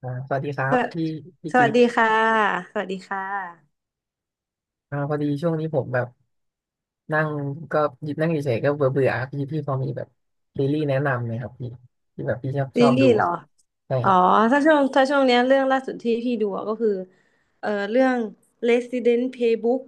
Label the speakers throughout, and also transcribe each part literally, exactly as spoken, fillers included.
Speaker 1: อ่าสวัสดีครั
Speaker 2: ส
Speaker 1: บ
Speaker 2: วัส
Speaker 1: พี่พี่
Speaker 2: สวั
Speaker 1: จิ๊
Speaker 2: สดี
Speaker 1: บ
Speaker 2: ค่ะสวัสดีค่ะ
Speaker 1: อ่าพอดีช่วงนี้ผมแบบนั่งก็หยิบนั่งเฉยๆก็เบื่อเบื่อพี่พี่พอมีแบบซีรีส์แนะนำไหมครับพี่ที่แบบพี่ชอบช
Speaker 2: ซี
Speaker 1: อบ
Speaker 2: รี
Speaker 1: ดู
Speaker 2: ส์เหร
Speaker 1: อ่ะ
Speaker 2: อ
Speaker 1: ใช่
Speaker 2: อ๋
Speaker 1: ค
Speaker 2: อ
Speaker 1: รับ
Speaker 2: ถ้าช่วงถ้าช่วงเนี้ยเรื่องล่าสุดที่พี่ดูอะก็คือเอ่อเรื่อง Resident Playbook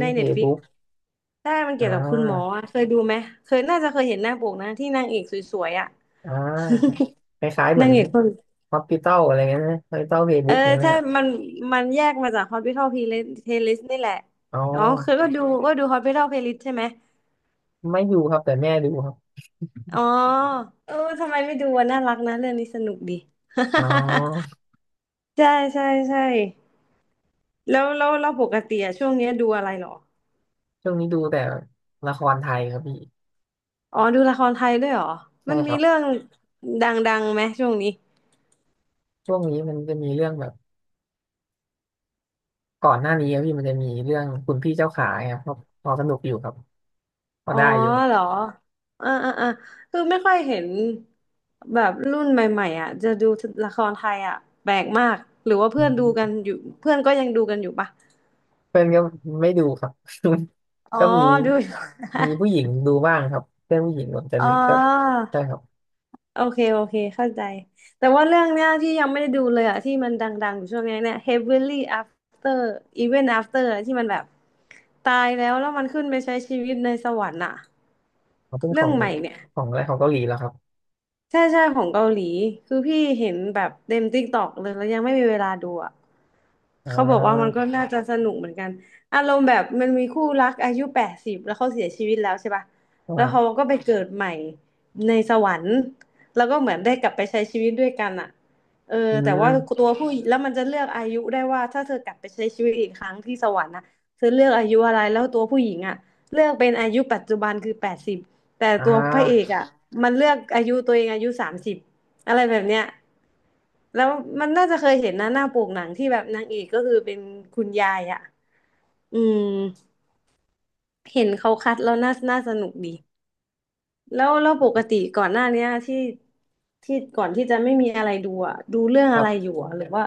Speaker 2: ใน Netflix
Speaker 1: Playbook
Speaker 2: ใช่มัน
Speaker 1: อ่
Speaker 2: เกี่ยวกับคุณหมอ
Speaker 1: า
Speaker 2: อะเคยดูไหมเคยน่าจะเคยเห็นหน้าปกนะที่นางเอกสวยๆอ่ะ
Speaker 1: อ่าคล้ายๆเหมื
Speaker 2: นา
Speaker 1: อ
Speaker 2: ง
Speaker 1: น
Speaker 2: เอกคน
Speaker 1: Hospital อะไรเงี้ยนะ Hospital
Speaker 2: เออ
Speaker 1: Playbook เนี่ยนะ
Speaker 2: ใช่
Speaker 1: ฮะ
Speaker 2: มันมันแยกมาจาก Hospital Playlist นี่แหละ
Speaker 1: อ๋อ
Speaker 2: อ๋อเคยก็ดูก็ดู Hospital Playlist ใช่ไหม
Speaker 1: ไม่ดูครับแต่แม่ดูครับ
Speaker 2: อ๋อเออทำไมไม่ดูอะน่ารักนะเรื่องนี้สนุกดี
Speaker 1: อ๋อ
Speaker 2: ใช่ใช่ใช่ แล้วแล้วเราปกติอะช่วงเนี้ยดูอะไรเหรอ
Speaker 1: ช่วงนี้ดูแต่ละครไทยครับพี่
Speaker 2: อ๋อดูละครไทยด้วยเหรอ
Speaker 1: ใช่
Speaker 2: มัน
Speaker 1: ค
Speaker 2: มี
Speaker 1: รับ
Speaker 2: เรื่องดังๆไหมช่วงนี้
Speaker 1: ช่วงนี้มันจะมีเรื่องแบบก่อนหน้านี้ครับพี่มันจะมีเรื่องคุณพี่เจ้าขาครับพอพอสนุกอยู่ครับ พอ
Speaker 2: อ๋อ
Speaker 1: ได้อยู่
Speaker 2: เหรออ่าอ่าอ่าคือไม่ค่อยเห็นแบบรุ่นใหม่ๆอ่ะจะดูละครไทยอ่ะแปลกมากหรือว่าเพื่อนดูกันอยู่เพื่อนก็ยังดูกันอยู่ปะ
Speaker 1: เพื่อนก็ไม่ดูครับ
Speaker 2: อ๋ อ
Speaker 1: ก็มี
Speaker 2: ดูอยู่
Speaker 1: มีผู้หญิงดูบ้างครับเพื่อนผู้หญิงเหมือนกั น
Speaker 2: อ๋อ
Speaker 1: ก็ใช่ครับ
Speaker 2: โอเคโอเคเข้าใจแต่ว่าเรื่องเนี้ยที่ยังไม่ได้ดูเลยอะที่มันดังๆอยู่ช่วงเนี้ยเนี่ย Heavenly After Even After อะที่มันแบบตายแล้วแล้วมันขึ้นไปใช้ชีวิตในสวรรค์อะ
Speaker 1: เขาเป็นข
Speaker 2: เรื่
Speaker 1: อ
Speaker 2: อง
Speaker 1: ง
Speaker 2: ใหม่เนี่ย
Speaker 1: ของอะไรของเกาหลีแล้วครับ
Speaker 2: ใช่ใช่ของเกาหลีคือพี่เห็นแบบเต็มติ๊กตอกเลยแล้วยังไม่มีเวลาดูอ่ะ
Speaker 1: อ่
Speaker 2: เขาบอกว่ามัน
Speaker 1: า
Speaker 2: ก็น่าจะสนุกเหมือนกันอารมณ์แบบมันมีคู่รักอายุแปดสิบแล้วเขาเสียชีวิตแล้วใช่ป่ะแล้วเขา
Speaker 1: อ่า
Speaker 2: ก็ไปเกิดใหม่ในสวรรค์แล้วก็เหมือนได้กลับไปใช้ชีวิตด้วยกันอ่ะเออ
Speaker 1: อื
Speaker 2: แต่ว่า
Speaker 1: ม
Speaker 2: ตัวผู้แล้วมันจะเลือกอายุได้ว่าถ้าเธอกลับไปใช้ชีวิตอีกครั้งที่สวรรค์นะเธอเลือกอายุอะไรแล้วตัวผู้หญิงอ่ะเลือกเป็นอายุปัจจุบันคือแปดสิบ แต่
Speaker 1: อ่
Speaker 2: ตัวพระเอก
Speaker 1: า
Speaker 2: อ่ะมันเลือกอายุตัวเองอายุสามสิบอะไรแบบเนี้ยแล้วมันน่าจะเคยเห็นนะหน้าปกหนังที่แบบนางเอกก็คือเป็นคุณยายอ่ะอืมเห็นเขาคัดแล้วน่าน่าสนุกดีแล้วแล้วปกติก่อนหน้าเนี้ยที่ที่ก่อนที่จะไม่มีอะไรดูอ่ะดูเรื่อง
Speaker 1: ครั
Speaker 2: อะไรอ
Speaker 1: บ
Speaker 2: ยู่อ่ะหรือว่า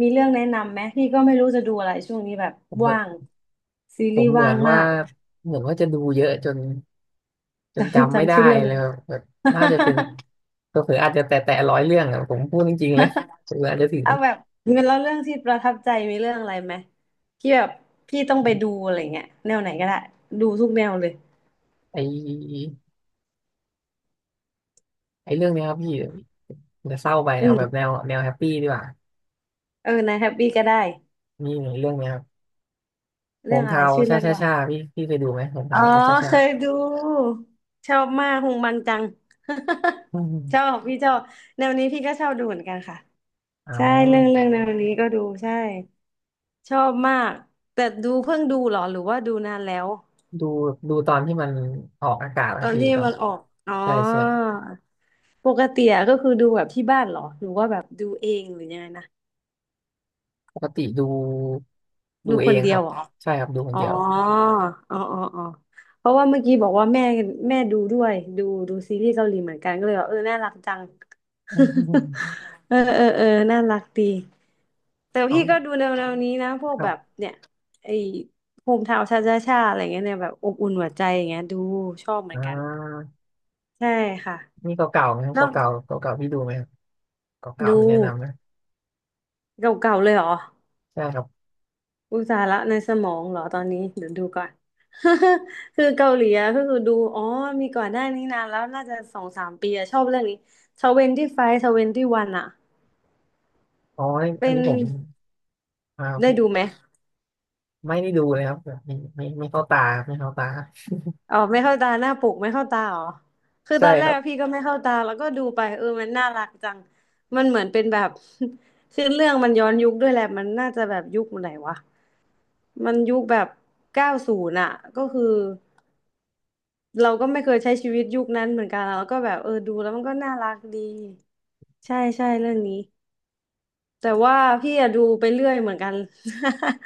Speaker 2: มีเรื่องแนะนำไหมพี่ก็ไม่รู้จะดูอะไรช่วงนี้แบบ
Speaker 1: ผมก็
Speaker 2: ว่างซี
Speaker 1: ผ
Speaker 2: รี
Speaker 1: ม
Speaker 2: ส์
Speaker 1: เหมื
Speaker 2: ว่า
Speaker 1: อ
Speaker 2: ง
Speaker 1: น
Speaker 2: มา
Speaker 1: ว่า
Speaker 2: ก
Speaker 1: เหมือนว่าจะดูเยอะจนจน
Speaker 2: จำ
Speaker 1: จำไม่
Speaker 2: จำ
Speaker 1: ได้
Speaker 2: ชื่อเรื่อง
Speaker 1: เล
Speaker 2: ไม่
Speaker 1: ยค
Speaker 2: ได้
Speaker 1: รับแบบน่าจะเป็น เผลอๆอาจจะแตะแตะร้อยเรื่องอะผมพูดจริงๆเลยเผลอๆอาจจะถึง
Speaker 2: เอาแบบแล้วเรื่องที่ประทับใจมีเรื่องอะไรไหมที่แบบพี่ต้องไปดูอะไรเงี้ยแนวไหนก็ได้ดูทุกแนวเลย
Speaker 1: ไอไอเรื่องเนี้ยครับพี่จะเศร้าไป
Speaker 2: อื
Speaker 1: เอาแบบแน
Speaker 2: ม
Speaker 1: วแนวแฮปปี้ดีกว่า
Speaker 2: เออนายแฮปปี้ก็ได้
Speaker 1: มีเรื่องเนี้ยครับโห
Speaker 2: เรื่อ
Speaker 1: ง
Speaker 2: งอะไร
Speaker 1: เทา
Speaker 2: ชื่อ
Speaker 1: ช่า
Speaker 2: เรื่อง
Speaker 1: ช่า
Speaker 2: ว่า
Speaker 1: ช่าพี่พี่เคยดูไหมโหง
Speaker 2: อ๋อ
Speaker 1: เทาช่าช่า
Speaker 2: เค
Speaker 1: ช่า
Speaker 2: ยดูชอบมากฮงบังจัง
Speaker 1: อื
Speaker 2: ชอ
Speaker 1: ม
Speaker 2: บพี่ชอบแนวนี้พี่ก็ชอบดูเหมือนกันค่ะ
Speaker 1: อ๋
Speaker 2: ใช่เรื่อง
Speaker 1: อ
Speaker 2: เรื่องแนวนี้ก็ดูใช่ชอบมากแต่ดูเพิ่งดูเหรอหรือว่าดูนานแล้ว
Speaker 1: ดูดูตอนที่มันออกอากาศค
Speaker 2: ตอ
Speaker 1: รับ
Speaker 2: น
Speaker 1: พี่
Speaker 2: ที่
Speaker 1: ตอน
Speaker 2: มันออกอ๋อ
Speaker 1: ใช่ใช่
Speaker 2: ปกติอะก็คือดูแบบที่บ้านเหรอหรือว่าแบบดูเองหรือยังไงนะ
Speaker 1: ปกติดูดู
Speaker 2: ดู
Speaker 1: เอ
Speaker 2: คน
Speaker 1: งค
Speaker 2: เดีย
Speaker 1: รั
Speaker 2: ว
Speaker 1: บ
Speaker 2: เหรอ
Speaker 1: ใช่ครับดูคน
Speaker 2: อ๋อ
Speaker 1: เดียว
Speaker 2: อ๋ออ๋ออ๋อเพราะว่าเมื่อกี้บอกว่าแม่แม่ดูด้วยดูดูซีรีส์เกาหลีเหมือนกันก็เลยว่าเออน่ารักจัง
Speaker 1: อืม
Speaker 2: เออเออเออน่ารักดีแต่
Speaker 1: อ๋
Speaker 2: พี่ก็
Speaker 1: อ
Speaker 2: ดูแนวๆนี้นะพวก
Speaker 1: ครั
Speaker 2: แบบ
Speaker 1: บ
Speaker 2: เนี่ยไอ้โฮมทาวน์ชาชาชาอะไรเงี้ยเนี่ยแบบอบอุ่นหัวใจอย่างเงี้ยดูชอบเหมื
Speaker 1: อ่
Speaker 2: อนกัน
Speaker 1: า
Speaker 2: ใช่ค่ะ
Speaker 1: นี่เก่าๆไหมครับ
Speaker 2: แล้ว
Speaker 1: เก่าๆเก่าๆพี่ดูไหมครับเก่าๆ
Speaker 2: ดู
Speaker 1: มีแนะนำไหม
Speaker 2: เก่าๆเลยเหรอ
Speaker 1: ใช่ครับ
Speaker 2: อุยตส่าห์ละในสมองเหรอตอนนี้เดี๋ยวดูก่อน คือเกาหลีอะก็คือดูอ๋อมีก่อนหน้านี้นานแล้วน่าจะสองสามปีอะชอบเรื่องนี้ทเวนตี้ไฟว์ทเวนตี้วันอะ
Speaker 1: อ๋ออั
Speaker 2: เป็
Speaker 1: น
Speaker 2: น
Speaker 1: นี้ผมอ
Speaker 2: ได้ดู
Speaker 1: ่า
Speaker 2: ไหม
Speaker 1: ไม่ได้ดูเลยครับแบบไม่ไม่ไม่เข้าตาไม่เข้าตา
Speaker 2: อ๋อไม่เข้าตาหน้าปกไม่เข้าตาเหรอคือ
Speaker 1: ใช่
Speaker 2: ตอนแร
Speaker 1: ครั
Speaker 2: ก
Speaker 1: บ
Speaker 2: พี่ก็ไม่เข้าตาแล้วก็ดูไปเออมันน่ารักจังมันเหมือนเป็นแบบ คือเรื่องมันย้อนยุคด้วยแหละมันน่าจะแบบยุคไหนวะมันยุคแบบเก้าศูนย์อะก็คือ เราก็ไม่เคยใช้ชีวิตยุคนั้นเหมือนกันอะแล้วก็แบบเออดูแล้วมันก็น่ารักดีใช่ใช่เรื่องนี้แต่ว่าพี่อะดูไปเรื่อยเหมือนกัน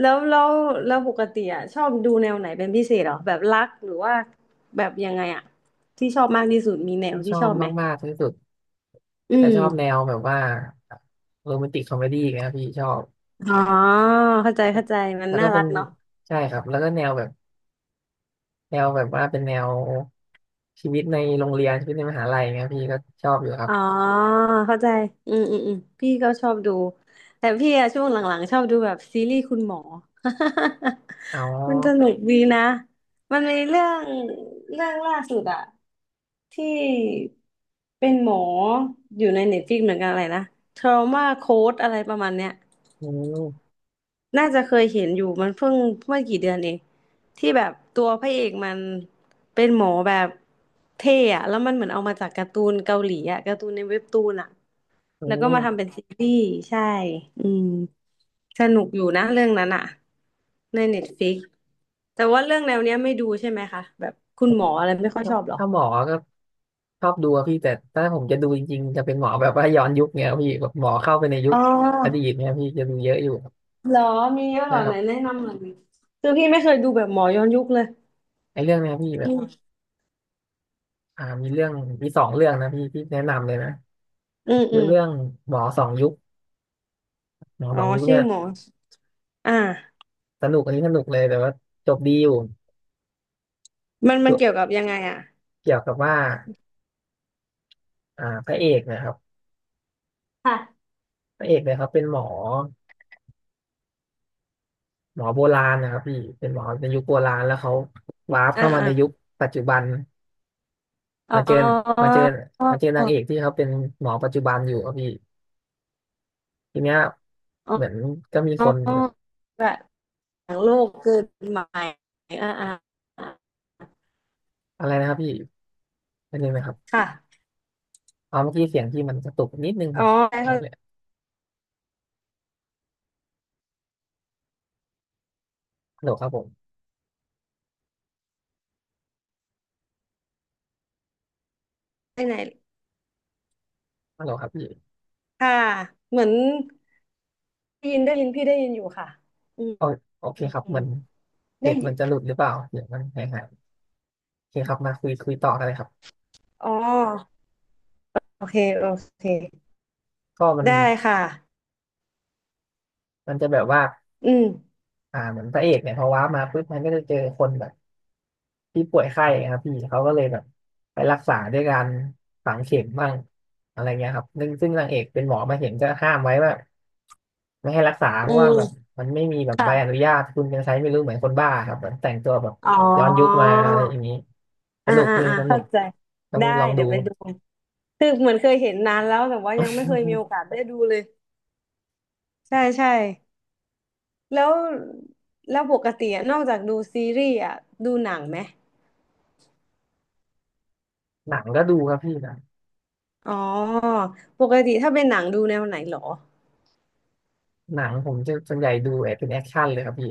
Speaker 2: แล้วแล้วแล้วปกติอะชอบดูแนวไหนเป็นพิเศษเหรอแบบรักหรือว่าแบบยังไงอะที่ชอบมากที่สุดมีแน
Speaker 1: ที่
Speaker 2: ว
Speaker 1: ช
Speaker 2: ที่
Speaker 1: อ
Speaker 2: ช
Speaker 1: บ
Speaker 2: อบไหม
Speaker 1: มากๆที่สุด
Speaker 2: อื
Speaker 1: แต่ชอบแน
Speaker 2: ม
Speaker 1: วแบบว่าโรแมนติกคอมเมดี้นะครับพี่ชอบ
Speaker 2: อ๋อเข้าใจเข้าใจมัน
Speaker 1: แล้วก็
Speaker 2: น่า
Speaker 1: เป็
Speaker 2: รั
Speaker 1: น
Speaker 2: กเนาะ
Speaker 1: ใช่ครับแล้วก็แนวแบบแนวแบบว่าเป็นแนวชีวิตในโรงเรียนชีวิตในมหาลัยเงี้ยพี่ก็ชอบอยู่ครั
Speaker 2: อ๋
Speaker 1: บ
Speaker 2: อเข้าใจอืมอืมอืมพี่ก็ชอบดูแต่พี่อะช่วงหลังๆชอบดูแบบซีรีส์คุณหมอ
Speaker 1: อ๋อ
Speaker 2: มันสนุกดีนะมันมีเรื่องเรื่องล่าสุดอะที่เป็นหมออยู่ในเน็ตฟ i ิกเหมือนกันอะไรนะ Trauma Code อะไรประมาณเนี้ย
Speaker 1: อืม
Speaker 2: น่าจะเคยเห็นอยู่มันเพิ่งเมื่อกี่เดือนเองที่แบบตัวพระเอกมันเป็นหมอแบบเท่อะแล้วมันเหมือนเอามาจากการ์ตูนเกาหลีอะการ์ตูนในเว็บตูนอะ
Speaker 1: อื
Speaker 2: แล้วก็มาทำ
Speaker 1: ม
Speaker 2: เป็นซีรีส์ใช่อืมสนุกอยู่นะเรื่องนั้นอะในเน็ตฟ i ิกแต่ว่าเรื่องแนวเนี้ยไม่ดูใช่ไหมคะแบบคุณหมออะไรไม่ค่อย
Speaker 1: ถ้า
Speaker 2: ชอบเหรอ
Speaker 1: ถ้าหมอก็ชอบดูอะพี่แต่ถ้าผมจะดูจริงๆจะเป็นหมอแบบว่าย้อนยุคเงี้ยพี่แบบหมอเข้าไปในยุ
Speaker 2: อ๋
Speaker 1: ค
Speaker 2: อ
Speaker 1: อดีตเงี้ยพี่จะดูเยอะอยู่ครับ
Speaker 2: เหรอมีเยอะเห
Speaker 1: ใช่
Speaker 2: รอ
Speaker 1: ค
Speaker 2: ไห
Speaker 1: รั
Speaker 2: น
Speaker 1: บ
Speaker 2: แนะนำหน่อยดิคือพี่ไม่เคยดูแบบหมอย้อนยุคเลย
Speaker 1: ไอ้เรื่องเนี้ยพี่แบ
Speaker 2: อื
Speaker 1: บ
Speaker 2: ม
Speaker 1: อ่ามีเรื่องมีสองเรื่องนะพี่ที่แนะนำเลยนะ
Speaker 2: อืม
Speaker 1: คื
Speaker 2: อื
Speaker 1: อ
Speaker 2: ม
Speaker 1: เรื่องหมอสองยุคหมอ
Speaker 2: อ๋
Speaker 1: ส
Speaker 2: อ
Speaker 1: องยุค
Speaker 2: ชื่
Speaker 1: เนี่
Speaker 2: อ
Speaker 1: ย
Speaker 2: หมออ่า
Speaker 1: สนุกอันนี้สนุกเลยแต่ว่าจบดีอยู่
Speaker 2: มัน
Speaker 1: ตั
Speaker 2: มั
Speaker 1: ว
Speaker 2: นเกี่ยวกับยังไงอ่ะ
Speaker 1: เกี่ยวกับว่าอ่าพระเอกนะครับ
Speaker 2: ค่ะ
Speaker 1: พระเอกเนี่ยเขาเป็นหมอหมอโบราณนะครับพี่เป็นหมอในยุคโบราณแล้วเขาวาร์ป
Speaker 2: อ่า
Speaker 1: เข้ามา
Speaker 2: อ่า
Speaker 1: ในยุคปัจจุบัน
Speaker 2: อ๋
Speaker 1: มาเจอ
Speaker 2: อ
Speaker 1: มาเจอมาเจอนา
Speaker 2: อ๋อ
Speaker 1: งเอกที่เขาเป็นหมอปัจจุบันอยู่ครับพี่ทีเนี้ยเหมือนก็มี
Speaker 2: อ๋
Speaker 1: ค
Speaker 2: อ
Speaker 1: น
Speaker 2: แบบหลังโลกเกิดใหม่อ่าอ่าอ่า
Speaker 1: อะไรนะครับพี่อันนึงนะครับ
Speaker 2: ค่ะ
Speaker 1: เอาเมื่อกี้เสียงที่มันกระตุกนิดนึงค
Speaker 2: อ๋
Speaker 1: รั
Speaker 2: อ
Speaker 1: บ
Speaker 2: ได้
Speaker 1: โอา
Speaker 2: เข้า
Speaker 1: เคฮัลโหลครับผม
Speaker 2: ใจไหน
Speaker 1: ฮัลโหลครับพี่
Speaker 2: ค่ะเหมือนได้ยินได้ยินพี่ได้ยินอยู่ค่ะอืม
Speaker 1: โอโอเค
Speaker 2: อืม
Speaker 1: ครับ
Speaker 2: อื
Speaker 1: เหมื
Speaker 2: ม
Speaker 1: อน
Speaker 2: ได้
Speaker 1: เน็ต
Speaker 2: ยิ
Speaker 1: มัน
Speaker 2: น
Speaker 1: จะหลุดหรือเปล่าเดี๋ยวมันหายหายโอเคครับมาคุยคุยต่อกันเลยครับ
Speaker 2: อ๋อโอเคโอเค
Speaker 1: ก็มัน
Speaker 2: ได้ค่ะ
Speaker 1: มันจะแบบว่า
Speaker 2: อืม
Speaker 1: อ่าเหมือนพระเอกเนี่ยพอว้าร์ปมาปุ๊บมันก็จะเจอคนแบบที่ป่วยไข้ครับพี่เขาก็เลยแบบไปรักษาด้วยการฝังเข็มบ้างอะไรเงี้ยครับซึ่งซึ่งนางเอกเป็นหมอมาเห็นจะห้ามไว้ว่าไม่ให้รักษาเพ
Speaker 2: อื
Speaker 1: ราะว่าแบบ
Speaker 2: ม
Speaker 1: มันไม่มีแบบใบอนุ
Speaker 2: ค่ะ
Speaker 1: ญาตคุณยังใช้ไม่รู้เหมือนคนบ้าครับเหมือนแต่งตัวแบบ
Speaker 2: อ๋อ
Speaker 1: ย้อนยุคมาอะไรอย่างนี้ส
Speaker 2: อ่า
Speaker 1: นุก
Speaker 2: อ่า
Speaker 1: นี่
Speaker 2: อ่า
Speaker 1: สนุ
Speaker 2: เข้า
Speaker 1: ก
Speaker 2: ใจ
Speaker 1: ต้อง
Speaker 2: ได้
Speaker 1: ลอง
Speaker 2: เดี๋
Speaker 1: ดู
Speaker 2: ยวไปดู คือเหมือนเคยเห็นนานแล้วแต่ว่ายังไม่เคยมีโอกาสได้ดูเลยใช่ใช่แล้วแล้วปกติอะนอกจากดูซีรีส์อ่ะดูหนังไหม
Speaker 1: หนังก็ดูครับพี่หนะ
Speaker 2: อ๋อปกติถ้าเป็นหนังดูแนวไหนเหรอ
Speaker 1: หนังผมจะส่วนใหญ่ดูแบบเป็นแอคชั่นเลยครับพี่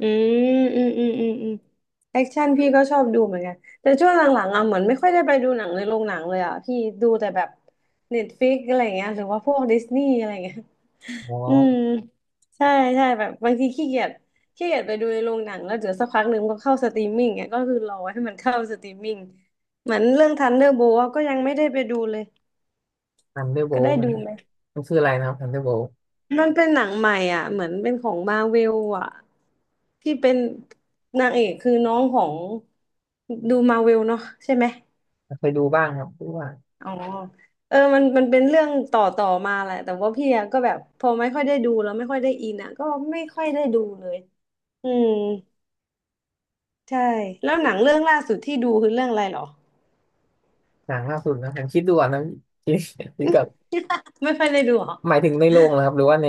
Speaker 2: อืมอืมอืมอืมอืมแอคชั่นพี่ก็ชอบดูเหมือนกันแต่ช่วงหลังๆอ่ะเหมือนไม่ค่อยได้ไปดูหนังในโรงหนังเลยอ่ะพี่ดูแต่แบบเน็ตฟ i ิกอะไรเงี้ยหรือว่าพวกดิสนีย์อะไรเงี้ย
Speaker 1: อ๋อ
Speaker 2: อืมใช่ใช่แบบบางทีขี้เกียจขี้เกียจไปดูในโรงหนังแล้วเดี๋ยวสักพักหนึ่งก็เข้าสตรีมมิ่งเนี่ยก็คือรอให้มันเข้าสตรีมมิ่งเหมือนเรื่องทันเดอร์โบลก็ยังไม่ได้ไปดูเลย
Speaker 1: ทันเดอร์โบ
Speaker 2: ก็ได้
Speaker 1: มั
Speaker 2: ดู
Speaker 1: น
Speaker 2: ไหม
Speaker 1: มันคืออะไรนะครับทันเดอร์โบ
Speaker 2: มันเป็นหนังใหม่อ่ะเหมือนเป็นของมาเวลอ่ะที่เป็นนางเอกคือน้องของดูมาเวลเนาะใช่ไหม
Speaker 1: เคยดูบ้างครับเพราะว่า
Speaker 2: อ๋อเออมันมันเป็นเรื่องต่อต่อมาแหละแต่ว่าพี่อะก็แบบพอไม่ค่อยได้ดูแล้วไม่ค่อยได้อินอะก็ไม่ค่อยได้ดูเลยอืม ใช่แล้วหนังเรื่องล่าสุดที่ดูคือเรื่องอะไรเหรอ
Speaker 1: หนังล่าสุดนะผมคิดดูก่อนนะคิดคิดกับ
Speaker 2: ไม่ค่อยได้ดูเหรอ
Speaker 1: หมายถึงในโรงนะครับหรือว่าใน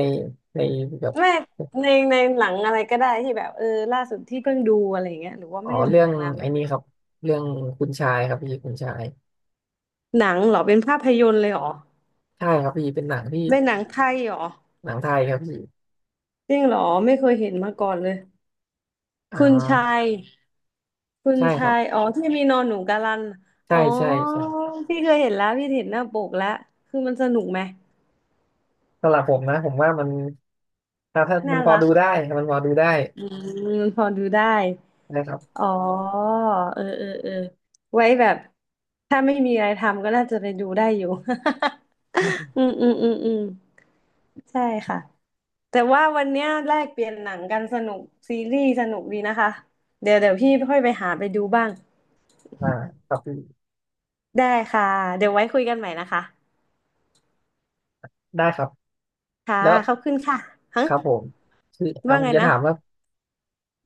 Speaker 1: ในแบบ
Speaker 2: ไม่ในในหนังอะไรก็ได้ที่แบบเออล่าสุดที่เพิ่งดูอะไรอย่างเงี้ยหรือว่า
Speaker 1: อ๋อ
Speaker 2: ไม่ได้ดู
Speaker 1: เรื่
Speaker 2: ห
Speaker 1: อ
Speaker 2: นั
Speaker 1: ง
Speaker 2: งนานแล้
Speaker 1: ไอ้
Speaker 2: ว
Speaker 1: นี่ครับเรื่องคุณชายครับพี่คุณชาย
Speaker 2: หนังเหรอเป็นภาพยนตร์เลยเหรอ
Speaker 1: ใช่ครับพี่เป็นหนังที่
Speaker 2: เป็นหนังไทยเหรอ
Speaker 1: หนังไทยครับพี่
Speaker 2: จริงเหรอไม่เคยเห็นมาก่อนเลย
Speaker 1: อ่
Speaker 2: คุณชา
Speaker 1: า
Speaker 2: ยคุณ
Speaker 1: ใช่ค
Speaker 2: ชา
Speaker 1: รับ
Speaker 2: ยอ๋อที่มีนอนหนูกาลันอ๋
Speaker 1: ใช่
Speaker 2: อ
Speaker 1: ใช่ใช่
Speaker 2: พี่เคยเห็นแล้วพี่เห็นหน้าปกแล้วคือมันสนุกไหม
Speaker 1: สำหรับผมนะผมว่ามันถ้าถ้ามั
Speaker 2: น่า
Speaker 1: นพอ
Speaker 2: รัก
Speaker 1: ดูได้มันพอดูได้
Speaker 2: อืมพอดูได้
Speaker 1: นะครับ
Speaker 2: อ๋อเออเออเออไว้แบบถ้าไม่มีอะไรทำก็น่าจะไปดูได้อยู่
Speaker 1: อื ม
Speaker 2: อืมอืมอืมอืมใช่ค่ะแต่ว่าวันเนี้ยแลกเปลี่ยนหนังกันสนุกซีรีส์สนุกดีนะคะเดี๋ยวเดี๋ยวพี่ค่อยไปหาไปดูบ้าง
Speaker 1: อ่าครับพี่
Speaker 2: ได้ค่ะเดี๋ยวไว้คุยกันใหม่นะคะ
Speaker 1: ได้ครับ
Speaker 2: ค่ะ
Speaker 1: แล้ว
Speaker 2: ขอบคุณค่ะฮะ
Speaker 1: ครับผมคืออ่ะ
Speaker 2: ว่า
Speaker 1: ผ
Speaker 2: ไง
Speaker 1: มจะ
Speaker 2: นะ
Speaker 1: ถามว่า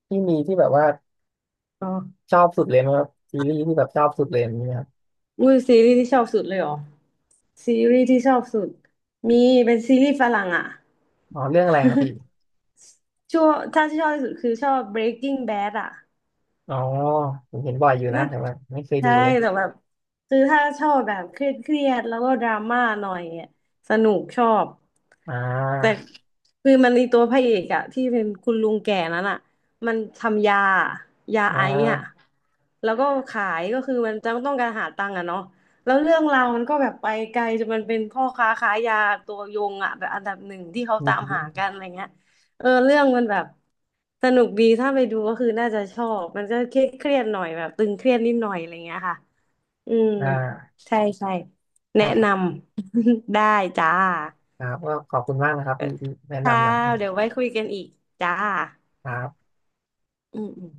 Speaker 1: พี่มีที่แบบว่า
Speaker 2: อ๋อ
Speaker 1: ชอบสุดเลยไหมครับซีรีส์ที่แบบชอบสุดเลยมีไหมครับ
Speaker 2: อุ้ยซีรีส์ที่ชอบสุดเลยเหรอซีรีส์ที่ชอบสุดมีเป็นซีรีส์ฝรั่งอ่ะ
Speaker 1: อ๋อเรื่องอะไรครับพี่
Speaker 2: ช่วงถ้าที่ชอบที่สุดคือชอบ Breaking Bad อ่ะ
Speaker 1: อ๋อผมเห็นบ่อยอยู่นะ
Speaker 2: น่า
Speaker 1: แต่ว่าไม่เคยดู
Speaker 2: ใช่
Speaker 1: เลย
Speaker 2: แต่แบบคือถ้าชอบแบบเครียดเครียดแล้วก็ดราม่าหน่อยอะสนุกชอบ
Speaker 1: อ่
Speaker 2: แต่
Speaker 1: า
Speaker 2: คือมันในตัวพระเอกอะที่เป็นคุณลุงแก่นั้นอะมันทำยายา
Speaker 1: อ่
Speaker 2: ไอซ์อะ
Speaker 1: า
Speaker 2: แล้วก็ขายก็คือมันจำต้องการหาตังค์อะเนาะแล้วเรื่องราวมันก็แบบไปไกลจนมันเป็นพ่อค้าขายยาตัวยงอะแบบอันดับหนึ่งที่เขา
Speaker 1: อื
Speaker 2: ตา
Speaker 1: ม
Speaker 2: มหากันอะไรเงี้ยเออเรื่องมันแบบสนุกดีถ้าไปดูก็คือน่าจะชอบมันก็เครียดเครียดหน่อยแบบตึงเครียดนิดหน่อยอะไรเงี้ยค่ะอืม
Speaker 1: อ่า
Speaker 2: ใช่ใช่
Speaker 1: ได้
Speaker 2: แนะ
Speaker 1: ครั
Speaker 2: น
Speaker 1: บ
Speaker 2: ำ ได้จ้า
Speaker 1: ครับก็ขอบคุณมากนะครับที่ที่แนะ
Speaker 2: ค่ะ
Speaker 1: นำหนังค
Speaker 2: เดี๋ยวไว้คุยกันอีกจ้า
Speaker 1: รับ
Speaker 2: อืมอืม